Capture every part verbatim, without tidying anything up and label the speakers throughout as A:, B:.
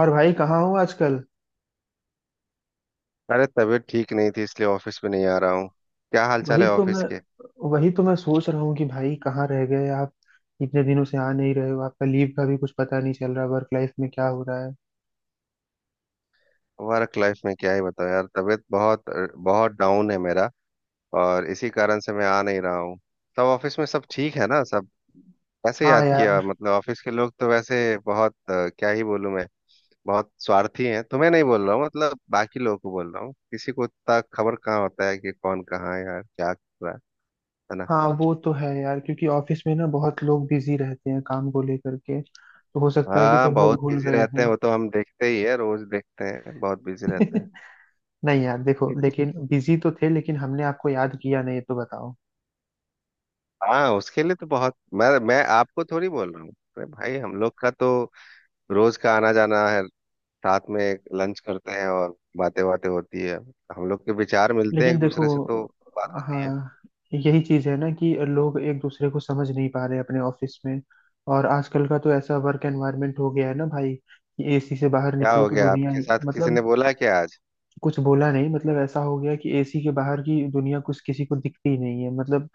A: और भाई कहाँ हो आजकल।
B: अरे तबीयत ठीक नहीं थी, इसलिए ऑफिस में नहीं आ रहा हूँ। क्या हाल चाल
A: वही
B: है
A: तो मैं
B: ऑफिस के?
A: वही तो मैं सोच रहा हूँ कि भाई कहाँ रह गए आप। इतने दिनों से आ नहीं रहे हो, आपका लीव का भी कुछ पता नहीं चल रहा, वर्क लाइफ में क्या हो रहा है।
B: वर्क लाइफ में क्या ही बताओ यार, तबीयत बहुत बहुत डाउन है मेरा, और इसी कारण से मैं आ नहीं रहा हूँ। सब ऑफिस में सब ठीक है ना? सब कैसे
A: हाँ
B: याद किया?
A: यार।
B: मतलब ऑफिस के लोग तो वैसे बहुत अ, क्या ही बोलूँ मैं, बहुत स्वार्थी हैं। तुम्हें नहीं बोल रहा हूँ, मतलब बाकी लोगों को बोल रहा हूँ। किसी को इतना खबर कहाँ होता है कि कौन कहाँ है यार, क्या कर रहा है। है ना।
A: हाँ वो तो है यार, क्योंकि ऑफिस में ना बहुत लोग बिजी रहते हैं काम को लेकर के, तो हो सकता है कि
B: हाँ
A: सब लोग
B: बहुत
A: भूल
B: बिजी
A: गए
B: रहते
A: हों।
B: हैं, वो तो हम देखते ही है, रोज देखते हैं, बहुत बिजी रहते
A: नहीं यार, देखो
B: हैं।
A: लेकिन बिजी तो थे, लेकिन हमने आपको याद किया नहीं, ये तो बताओ।
B: हाँ उसके लिए तो बहुत मैं मैं आपको थोड़ी बोल रहा हूँ। अरे भाई हम लोग का तो रोज का आना जाना है, साथ में लंच करते हैं और बातें बातें होती है। हम लोग के विचार मिलते हैं
A: लेकिन
B: एक दूसरे से, तो
A: देखो।
B: बात होती है।
A: हाँ, यही चीज है ना कि लोग एक दूसरे को समझ नहीं पा रहे अपने ऑफिस में। और आजकल का तो ऐसा वर्क एनवायरनमेंट हो गया है ना भाई, कि एसी से बाहर
B: क्या
A: निकलो
B: हो
A: तो
B: गया
A: दुनिया
B: आपके
A: ही-
B: साथ? किसी ने
A: मतलब,
B: बोला क्या आज?
A: कुछ बोला नहीं, मतलब ऐसा हो गया कि एसी के बाहर की दुनिया कुछ किसी को दिखती ही नहीं है, मतलब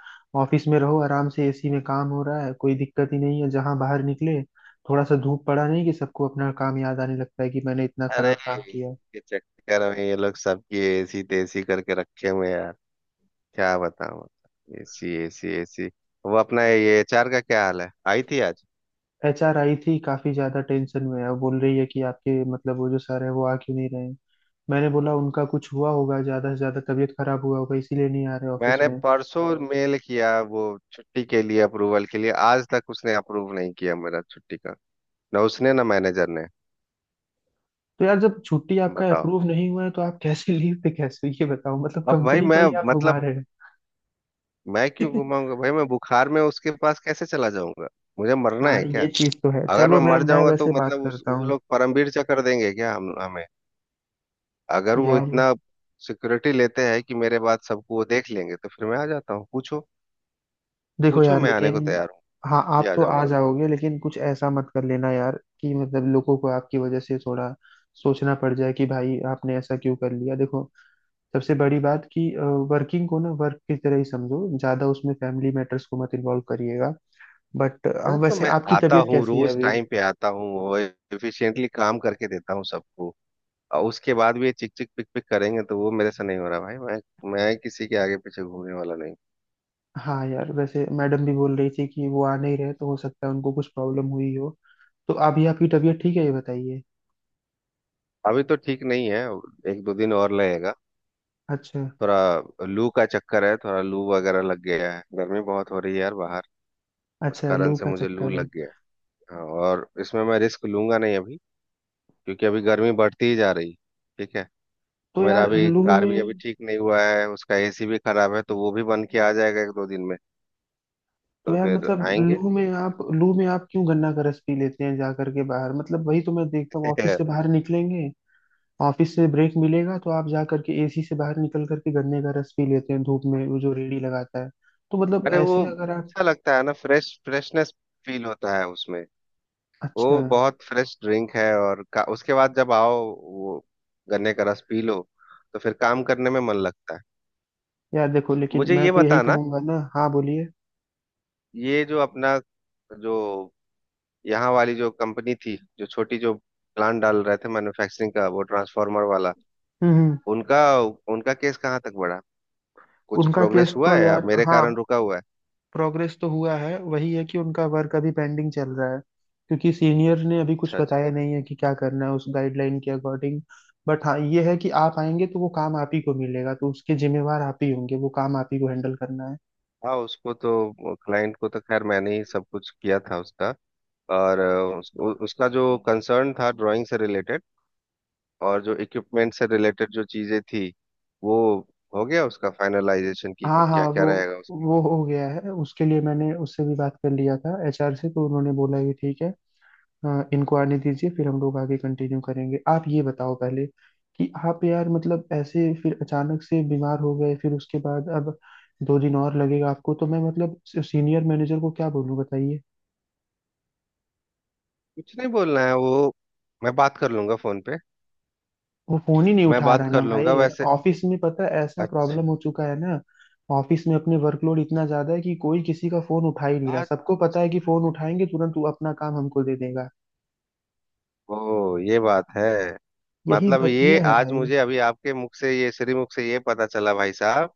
A: ऑफिस में रहो आराम से, एसी में काम हो रहा है, कोई दिक्कत ही नहीं है। जहां बाहर निकले, थोड़ा सा धूप पड़ा नहीं कि सबको अपना काम याद आने लगता है कि मैंने इतना
B: अरे
A: खराब काम किया।
B: इसके चक्कर में ये लोग सबकी एसी तेसी करके रखे हुए हैं यार, क्या बताऊँ। AC AC AC. वो अपना ये एचआर का क्या हाल है? आई थी आज?
A: एचआर आई थी, काफी ज्यादा टेंशन में है। वो बोल रही है कि आपके मतलब वो जो सर है वो आ क्यों नहीं रहे हैं। मैंने बोला उनका कुछ हुआ होगा, ज्यादा से ज्यादा तबीयत खराब हुआ होगा, इसीलिए नहीं आ रहे ऑफिस
B: मैंने
A: में।
B: परसों मेल किया वो छुट्टी के लिए, अप्रूवल के लिए। आज तक उसने अप्रूव नहीं किया मेरा छुट्टी का। ना उसने, ना मैनेजर ने।
A: तो यार जब छुट्टी आपका
B: बताओ,
A: अप्रूव नहीं हुआ है तो आप कैसे लीव पे, कैसे, ये बताओ, मतलब
B: अब भाई
A: कंपनी को
B: मैं,
A: ही आप घुमा
B: मतलब
A: रहे
B: मैं क्यों
A: हैं।
B: घुमाऊंगा भाई? मैं बुखार में उसके पास कैसे चला जाऊंगा? मुझे मरना
A: हाँ
B: है
A: ये
B: क्या?
A: चीज तो है।
B: अगर मैं
A: चलो, मैं
B: मर
A: मैं
B: जाऊंगा तो
A: वैसे बात
B: मतलब उस,
A: करता
B: वो
A: हूँ।
B: लोग परमवीर चक्र देंगे क्या हम, हमें? अगर वो
A: यार
B: इतना सिक्योरिटी लेते हैं कि मेरे बाद सबको वो देख लेंगे तो फिर मैं आ जाता हूँ, पूछो।
A: देखो
B: पूछो,
A: यार
B: मैं आने
A: लेकिन।
B: को तैयार हूँ।
A: हाँ
B: भी
A: आप
B: आ
A: तो आ
B: जाऊंगा।
A: जाओगे, लेकिन कुछ ऐसा मत कर लेना यार कि मतलब लोगों को आपकी वजह से थोड़ा सोचना पड़ जाए कि भाई आपने ऐसा क्यों कर लिया। देखो, सबसे बड़ी बात कि वर्किंग को ना वर्क की तरह ही समझो, ज्यादा उसमें फैमिली मैटर्स को मत इन्वॉल्व करिएगा। बट
B: अरे तो
A: वैसे
B: मैं
A: आपकी
B: आता
A: तबीयत
B: हूँ
A: कैसी है
B: रोज,
A: अभी।
B: टाइम पे आता हूँ, और एफिशिएंटली काम करके देता हूँ सबको। और उसके बाद भी ये चिक चिक पिक पिक करेंगे तो वो मेरे से नहीं हो रहा भाई। मैं मैं किसी के आगे पीछे घूमने वाला नहीं।
A: हाँ यार, वैसे मैडम भी बोल रही थी कि वो आ नहीं रहे, तो हो सकता है उनको कुछ प्रॉब्लम हुई हो। तो अभी आपकी तबीयत ठीक है, ये बताइए।
B: अभी तो ठीक नहीं है, एक दो दिन और लगेगा।
A: अच्छा।
B: थोड़ा लू का चक्कर है, थोड़ा लू वगैरह लग गया है। गर्मी बहुत हो रही है यार बाहर, उस
A: अच्छा
B: कारण
A: लू
B: से
A: का
B: मुझे लू
A: चक्कर
B: लग
A: है।
B: गया है। हाँ, और इसमें मैं रिस्क लूंगा नहीं अभी, क्योंकि अभी गर्मी बढ़ती ही जा रही है। ठीक है।
A: तो
B: मेरा
A: यार
B: अभी
A: लू
B: कार भी अभी
A: में।
B: ठीक नहीं हुआ है, उसका एसी भी खराब है, तो वो भी बन के आ जाएगा एक दो दिन में।
A: तो
B: तो
A: यार
B: फिर
A: मतलब
B: आएंगे।
A: लू में आप, लू में आप क्यों गन्ना का रस पी लेते हैं जा करके बाहर, मतलब वही तो मैं देखता हूँ ऑफिस से बाहर निकलेंगे, ऑफिस से ब्रेक मिलेगा तो आप जा करके एसी से बाहर निकल करके गन्ने का रस पी लेते हैं धूप में, वो जो रेड़ी लगाता है। तो मतलब
B: अरे वो
A: ऐसे अगर आप।
B: अच्छा लगता है ना, फ्रेश, फ्रेशनेस फील होता है उसमें।
A: अच्छा।
B: वो बहुत फ्रेश ड्रिंक है और का, उसके बाद जब आओ वो, गन्ने का रस पी लो तो फिर काम करने में मन लगता है।
A: यार देखो, लेकिन
B: मुझे
A: मैं
B: ये
A: तो यही
B: बताना,
A: कहूंगा ना। हाँ बोलिए।
B: ये जो अपना जो यहाँ वाली जो कंपनी थी, जो छोटी, जो प्लान डाल रहे थे मैन्युफैक्चरिंग का, वो ट्रांसफार्मर वाला,
A: हम्म हम्म।
B: उनका, उनका केस कहाँ तक बढ़ा? कुछ
A: उनका केस
B: प्रोग्रेस हुआ
A: तो
B: है या
A: यार,
B: मेरे
A: हाँ
B: कारण रुका हुआ है?
A: प्रोग्रेस तो हुआ है। वही है कि उनका वर्क अभी पेंडिंग चल रहा है, क्योंकि सीनियर ने अभी कुछ
B: अच्छा अच्छा।
A: बताया नहीं है कि क्या करना है उस गाइडलाइन के अकॉर्डिंग। बट हाँ, ये है कि आप आएंगे तो वो काम आप ही को मिलेगा, तो उसके जिम्मेवार आप ही होंगे, वो काम आप ही को हैंडल करना है।
B: हाँ उसको तो, क्लाइंट को तो खैर मैंने ही सब कुछ किया था उसका। और अ, उस, उ, उसका जो कंसर्न था ड्राइंग से रिलेटेड, और जो इक्विपमेंट से रिलेटेड जो चीजें थी, वो हो गया उसका फाइनलाइजेशन की
A: हाँ हाँ
B: क्या क्या
A: वो
B: रहेगा उसका।
A: वो हो गया है। उसके लिए मैंने उससे भी बात कर लिया था, एचआर से, तो उन्होंने बोला कि ठीक है, हाँ इनको आने दीजिए, फिर हम लोग आगे कंटिन्यू करेंगे। आप ये बताओ पहले कि आप यार मतलब ऐसे फिर अचानक से बीमार हो गए, फिर उसके बाद अब दो दिन और लगेगा आपको, तो मैं मतलब सीनियर मैनेजर को क्या बोलूँ बताइए।
B: कुछ नहीं बोलना है, वो मैं बात कर लूंगा फोन पे।
A: वो फोन ही नहीं
B: मैं
A: उठा
B: बात
A: रहा ना
B: कर लूंगा
A: भाई।
B: वैसे।
A: ऑफिस में पता है ऐसा
B: अच्छा
A: प्रॉब्लम हो चुका है ना, ऑफिस में अपने वर्कलोड इतना ज्यादा है कि कोई किसी का फोन उठा ही नहीं रहा।
B: आज।
A: सबको पता है कि फोन उठाएंगे तुरंत वो अपना काम हमको दे देगा।
B: ओ ये बात है।
A: यही
B: मतलब ये
A: बतिया है
B: आज
A: भाई।
B: मुझे अभी आपके मुख से ये, श्री मुख से ये पता चला भाई साहब,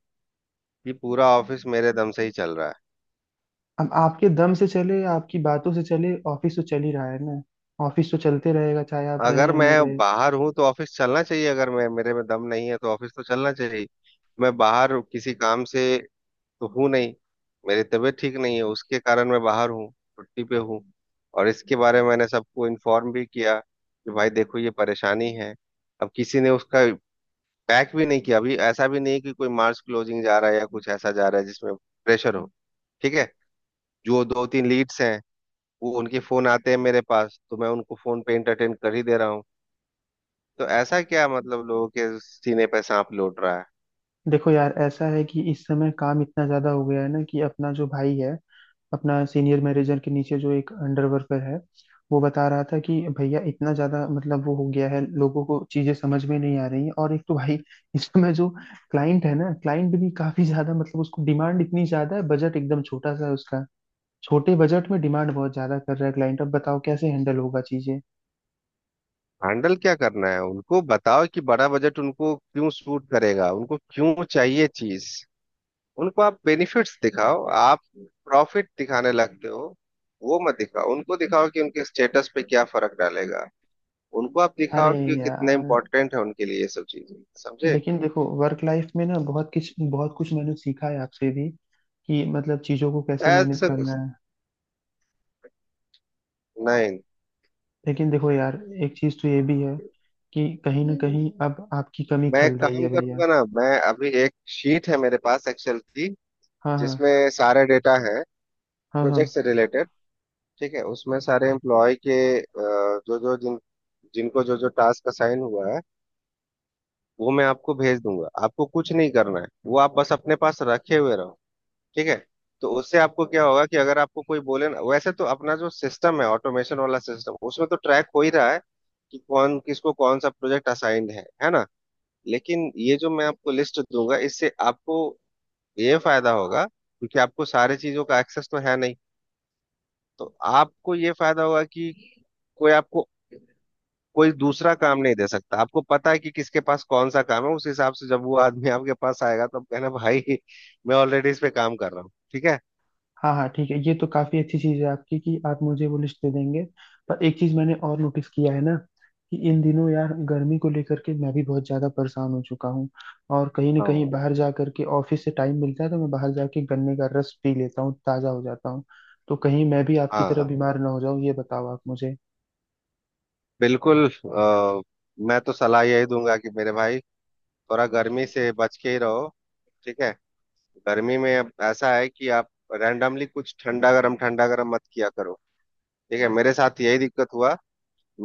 B: कि पूरा ऑफिस मेरे दम से ही चल रहा है।
A: अब आपके दम से चले या आपकी बातों से चले, ऑफिस तो चल ही रहा है ना। ऑफिस तो चलते रहेगा चाहे आप रहें
B: अगर
A: या
B: मैं
A: ना रहें।
B: बाहर हूँ तो ऑफिस चलना चाहिए, अगर मैं, मेरे में दम नहीं है तो ऑफिस तो चलना चाहिए। मैं बाहर किसी काम से तो हूँ नहीं, मेरी तबीयत ठीक नहीं है, उसके कारण मैं बाहर हूँ, छुट्टी पे हूँ। और इसके बारे में मैंने सबको इन्फॉर्म भी किया कि भाई देखो, ये परेशानी है। अब किसी ने उसका बैक भी नहीं किया। अभी ऐसा भी नहीं है कि कोई मार्च क्लोजिंग जा रहा है या कुछ ऐसा जा रहा है जिसमें प्रेशर हो। ठीक है। जो दो तीन लीड्स हैं, वो उनके फोन आते हैं मेरे पास, तो मैं उनको फोन पे एंटरटेन कर ही दे रहा हूँ। तो ऐसा क्या, मतलब लोगों के सीने पे सांप लौट रहा है?
A: देखो यार, ऐसा है कि इस समय काम इतना ज्यादा हो गया है ना, कि अपना जो भाई है, अपना सीनियर मैनेजर के नीचे जो एक अंडर वर्कर है, वो बता रहा था कि भैया इतना ज्यादा मतलब वो हो गया है, लोगों को चीजें समझ में नहीं आ रही है। और एक तो भाई इस समय जो क्लाइंट है ना, क्लाइंट भी काफी ज्यादा, मतलब उसको डिमांड इतनी ज्यादा है, बजट एकदम छोटा सा है उसका। छोटे बजट में डिमांड बहुत ज्यादा कर रहा है क्लाइंट, अब बताओ कैसे हैंडल होगा चीजें।
B: हैंडल क्या करना है, उनको बताओ कि बड़ा बजट उनको क्यों सूट करेगा, उनको क्यों चाहिए चीज। उनको आप बेनिफिट्स दिखाओ, आप प्रॉफिट दिखाने लगते हो, वो मत दिखाओ। उनको दिखाओ कि उनके स्टेटस पे क्या फर्क डालेगा। उनको आप
A: अरे
B: दिखाओ कि कितना
A: यार,
B: इम्पोर्टेंट है उनके लिए ये सब चीजें। समझे?
A: लेकिन देखो वर्क लाइफ में ना बहुत कुछ बहुत कुछ मैंने सीखा है आपसे भी, कि मतलब चीज़ों को कैसे मैनेज
B: ऐसा
A: करना
B: कुछ
A: है।
B: नहीं।
A: लेकिन देखो यार, एक चीज़ तो ये भी है कि कहीं ना कहीं अब आपकी कमी
B: मैं
A: खल रही
B: काम
A: है भैया।
B: करूंगा ना, मैं अभी एक शीट है मेरे पास एक्सेल की,
A: हाँ हाँ।
B: जिसमें सारे डेटा है
A: हाँ हाँ।
B: प्रोजेक्ट से रिलेटेड, ठीक है। उसमें सारे एम्प्लॉय के अ, जो जो जिन, जिनको जो जो टास्क असाइन हुआ है, वो मैं आपको भेज दूंगा। आपको कुछ नहीं करना है, वो आप बस अपने पास रखे हुए रहो, ठीक है। तो उससे आपको क्या होगा कि अगर आपको कोई बोले ना, वैसे तो अपना जो सिस्टम है ऑटोमेशन वाला सिस्टम, उसमें तो ट्रैक हो ही रहा है कि कौन किसको कौन सा प्रोजेक्ट असाइंड है है ना। लेकिन ये जो मैं आपको लिस्ट दूंगा, इससे आपको ये फायदा होगा, क्योंकि आपको सारी चीजों का एक्सेस तो है नहीं। तो आपको ये फायदा होगा कि कोई आपको, कोई दूसरा काम नहीं दे सकता। आपको पता है कि किसके पास कौन सा काम है, उस हिसाब से जब वो आदमी आपके पास आएगा तो आप कहना भाई, मैं ऑलरेडी इस पे काम कर रहा हूँ, ठीक है।
A: हाँ हाँ, ठीक है, ये तो काफी अच्छी चीज है आपकी कि आप मुझे वो लिस्ट दे देंगे। पर एक चीज मैंने और नोटिस किया है ना, कि इन दिनों यार गर्मी को लेकर के मैं भी बहुत ज्यादा परेशान हो चुका हूँ। और कहीं ना कहीं
B: हाँ
A: बाहर जा करके ऑफिस से टाइम मिलता है तो मैं बाहर जाके गन्ने का रस पी लेता हूँ, ताजा हो जाता हूँ। तो कहीं मैं भी आपकी तरह
B: हाँ,
A: बीमार ना हो जाऊं, ये बताओ आप मुझे।
B: बिल्कुल। अ, मैं तो सलाह यही दूंगा कि मेरे भाई, थोड़ा गर्मी से बच के ही रहो। ठीक है। गर्मी में अब ऐसा है कि आप रैंडमली कुछ ठंडा गरम ठंडा गरम मत किया करो, ठीक है। मेरे साथ यही दिक्कत हुआ।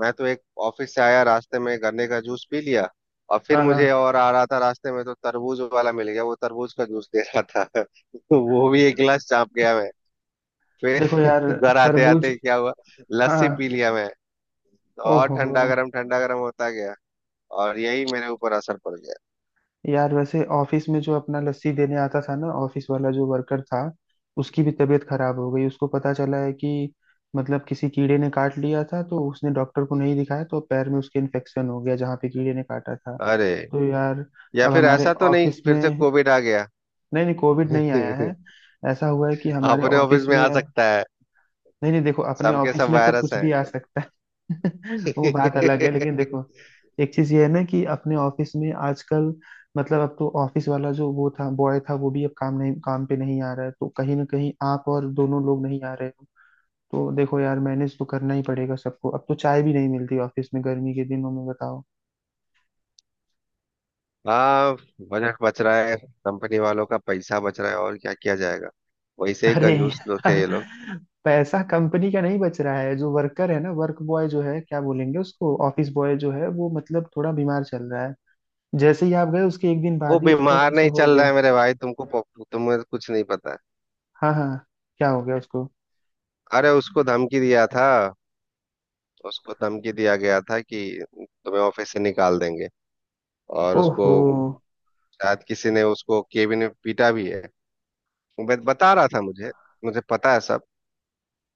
B: मैं तो एक, ऑफिस से आया, रास्ते में गन्ने का जूस पी लिया, और फिर
A: हाँ हाँ।
B: मुझे और आ रहा था रास्ते में, तो तरबूज वाला मिल गया, वो तरबूज का जूस दे रहा था। तो वो भी एक गिलास चाप गया मैं। फिर
A: देखो यार,
B: घर आते
A: तरबूज।
B: आते क्या हुआ, लस्सी
A: हाँ।
B: पी लिया मैं। और
A: ओहो।
B: ठंडा गरम ठंडा गरम होता गया, और यही मेरे ऊपर असर पड़ गया।
A: यार वैसे ऑफिस में जो अपना लस्सी देने आता था ना, ऑफिस वाला जो वर्कर था, उसकी भी तबीयत खराब हो गई। उसको पता चला है कि मतलब किसी कीड़े ने काट लिया था, तो उसने डॉक्टर को नहीं दिखाया, तो पैर में उसके इन्फेक्शन हो गया जहाँ पे कीड़े ने काटा था।
B: अरे,
A: तो हम्म यार।
B: या
A: अब
B: फिर
A: हमारे
B: ऐसा तो नहीं
A: ऑफिस
B: फिर से
A: में,
B: कोविड आ गया?
A: नहीं नहीं कोविड नहीं आया है। ऐसा हुआ है कि हमारे
B: अपने ऑफिस
A: ऑफिस
B: में
A: में
B: आ
A: अब,
B: सकता है।
A: नहीं नहीं, देखो अपने
B: सबके
A: ऑफिस
B: सब
A: में तो
B: वायरस
A: कुछ भी आ सकता है। वो बात
B: है।
A: अलग है, लेकिन देखो, एक चीज ये है ना कि अपने ऑफिस में आजकल, मतलब अब तो ऑफिस वाला जो वो था, बॉय था, वो भी अब काम नहीं, काम पे नहीं आ रहा है, तो कहीं ना कहीं आप और दोनों लोग नहीं आ रहे हो। तो देखो यार मैनेज तो करना ही पड़ेगा सबको, अब तो चाय भी नहीं मिलती ऑफिस में गर्मी के दिनों में, बताओ।
B: हाँ, बजट बच रहा है, कंपनी वालों का पैसा बच रहा है, और क्या किया जाएगा। वैसे ही
A: अरे
B: कंजूस लोग थे
A: यार,
B: ये लोग।
A: पैसा कंपनी का नहीं बच रहा है। जो वर्कर है ना, वर्क बॉय जो है, क्या बोलेंगे उसको, ऑफिस बॉय जो है, वो मतलब थोड़ा बीमार चल रहा है। जैसे ही आप गए उसके एक दिन
B: वो
A: बाद ही उसको
B: बीमार
A: ये सब
B: नहीं
A: हो
B: चल रहा
A: गया।
B: है मेरे भाई, तुमको पो- तुम्हें कुछ नहीं पता है।
A: हाँ हाँ। क्या हो गया उसको।
B: अरे उसको धमकी दिया था, उसको धमकी दिया गया था कि तुम्हें ऑफिस से निकाल देंगे, और उसको
A: ओहो।
B: शायद किसी ने उसको केबिन में पीटा भी है। वो बत- बता रहा था मुझे, मुझे पता है सब।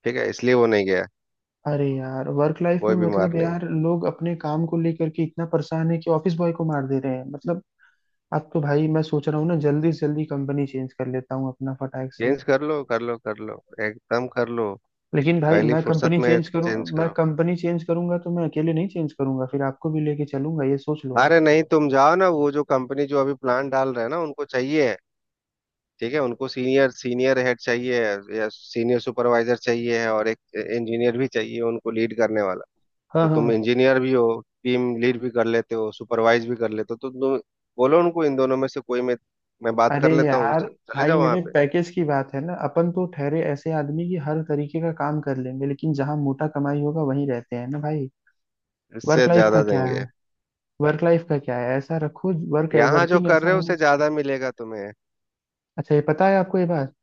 B: ठीक है, इसलिए वो नहीं गया।
A: अरे यार, वर्क लाइफ में
B: कोई बीमार
A: मतलब
B: नहीं।
A: यार लोग अपने काम को लेकर के इतना परेशान है कि ऑफिस बॉय को मार दे रहे हैं, मतलब। अब तो भाई मैं सोच रहा हूँ ना जल्दी से जल्दी कंपनी चेंज कर लेता हूँ अपना फटाक से।
B: चेंज कर लो, कर लो कर लो, एकदम कर लो।
A: लेकिन भाई
B: पहली
A: मैं
B: फुर्सत
A: कंपनी
B: में
A: चेंज करूँ,
B: चेंज
A: मैं
B: करो।
A: कंपनी चेंज करूंगा तो मैं अकेले नहीं चेंज करूंगा, फिर आपको भी लेके चलूंगा, ये सोच लो आप।
B: अरे नहीं, तुम जाओ ना, वो जो कंपनी जो अभी प्लान डाल रहे हैं ना, उनको चाहिए है, ठीक है। उनको सीनियर, सीनियर हेड चाहिए है या सीनियर सुपरवाइजर चाहिए है, और एक इंजीनियर भी चाहिए उनको लीड करने वाला। तो
A: हाँ
B: तुम
A: हाँ।
B: इंजीनियर भी हो, टीम लीड भी कर लेते हो, सुपरवाइज भी कर लेते हो, तो तुम बोलो उनको इन दोनों में से कोई। मैं मैं बात
A: अरे
B: कर लेता हूँ
A: यार,
B: उनसे, चले
A: भाई
B: जाओ वहाँ
A: मेरे
B: पे।
A: पैकेज की बात है ना, अपन तो ठहरे ऐसे आदमी, की हर तरीके का काम कर लेंगे लेकिन जहां मोटा कमाई होगा वहीं रहते हैं ना भाई।
B: इससे
A: वर्क लाइफ का
B: ज्यादा
A: क्या
B: देंगे।
A: है। वर्क लाइफ का क्या है, ऐसा रखो, वर्क
B: यहाँ जो
A: वर्किंग
B: कर
A: ऐसा
B: रहे हो
A: होना
B: उससे
A: चाहिए।
B: ज्यादा मिलेगा तुम्हें।
A: अच्छा, ये पता है आपको ये बात।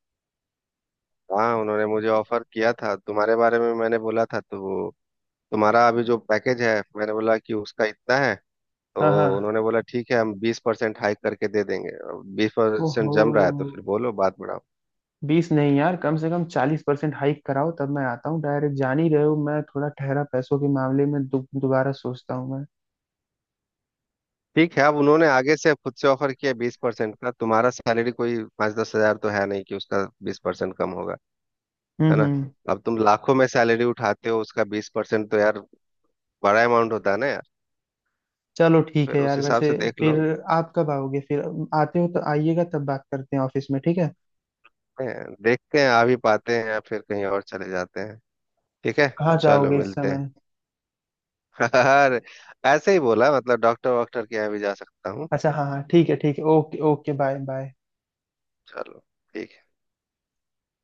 B: हाँ, उन्होंने मुझे ऑफर किया था, तुम्हारे बारे में मैंने बोला था, तो वो, तुम्हारा अभी जो पैकेज है मैंने बोला कि उसका इतना है, तो
A: हाँ हाँ।
B: उन्होंने बोला ठीक है, हम बीस परसेंट हाइक करके दे देंगे। बीस परसेंट
A: ओहो।
B: जम रहा है तो फिर बोलो, बात बढ़ाओ।
A: बीस नहीं यार, कम से कम चालीस परसेंट हाइक कराओ तब मैं आता हूँ, डायरेक्ट जान ही रहे हो मैं थोड़ा ठहरा पैसों के मामले में, दो- दोबारा सोचता हूँ मैं।
B: ठीक है, अब उन्होंने आगे से खुद से ऑफर किया बीस परसेंट का। तुम्हारा सैलरी कोई पाँच दस हजार तो है नहीं कि उसका बीस परसेंट कम होगा,
A: हम्म
B: है ना।
A: हम्म।
B: अब तुम लाखों में सैलरी उठाते हो, उसका बीस परसेंट तो यार, बड़ा अमाउंट होता है ना यार।
A: चलो ठीक
B: फिर
A: है
B: उस
A: यार।
B: हिसाब
A: वैसे
B: से देख
A: फिर
B: लो।
A: आप कब आओगे फिर, आते हो तो आइएगा तब बात करते हैं ऑफिस में, ठीक है।
B: हैं, देखते हैं आ भी पाते हैं या फिर कहीं और चले जाते हैं। ठीक है,
A: कहाँ
B: चलो
A: जाओगे इस
B: मिलते हैं।
A: समय।
B: अरे ऐसे ही बोला, मतलब डॉक्टर वॉक्टर के यहाँ भी जा सकता हूँ।
A: अच्छा हाँ हाँ ठीक है ठीक है, ओके ओके, बाय बाय।
B: चलो, ठीक है।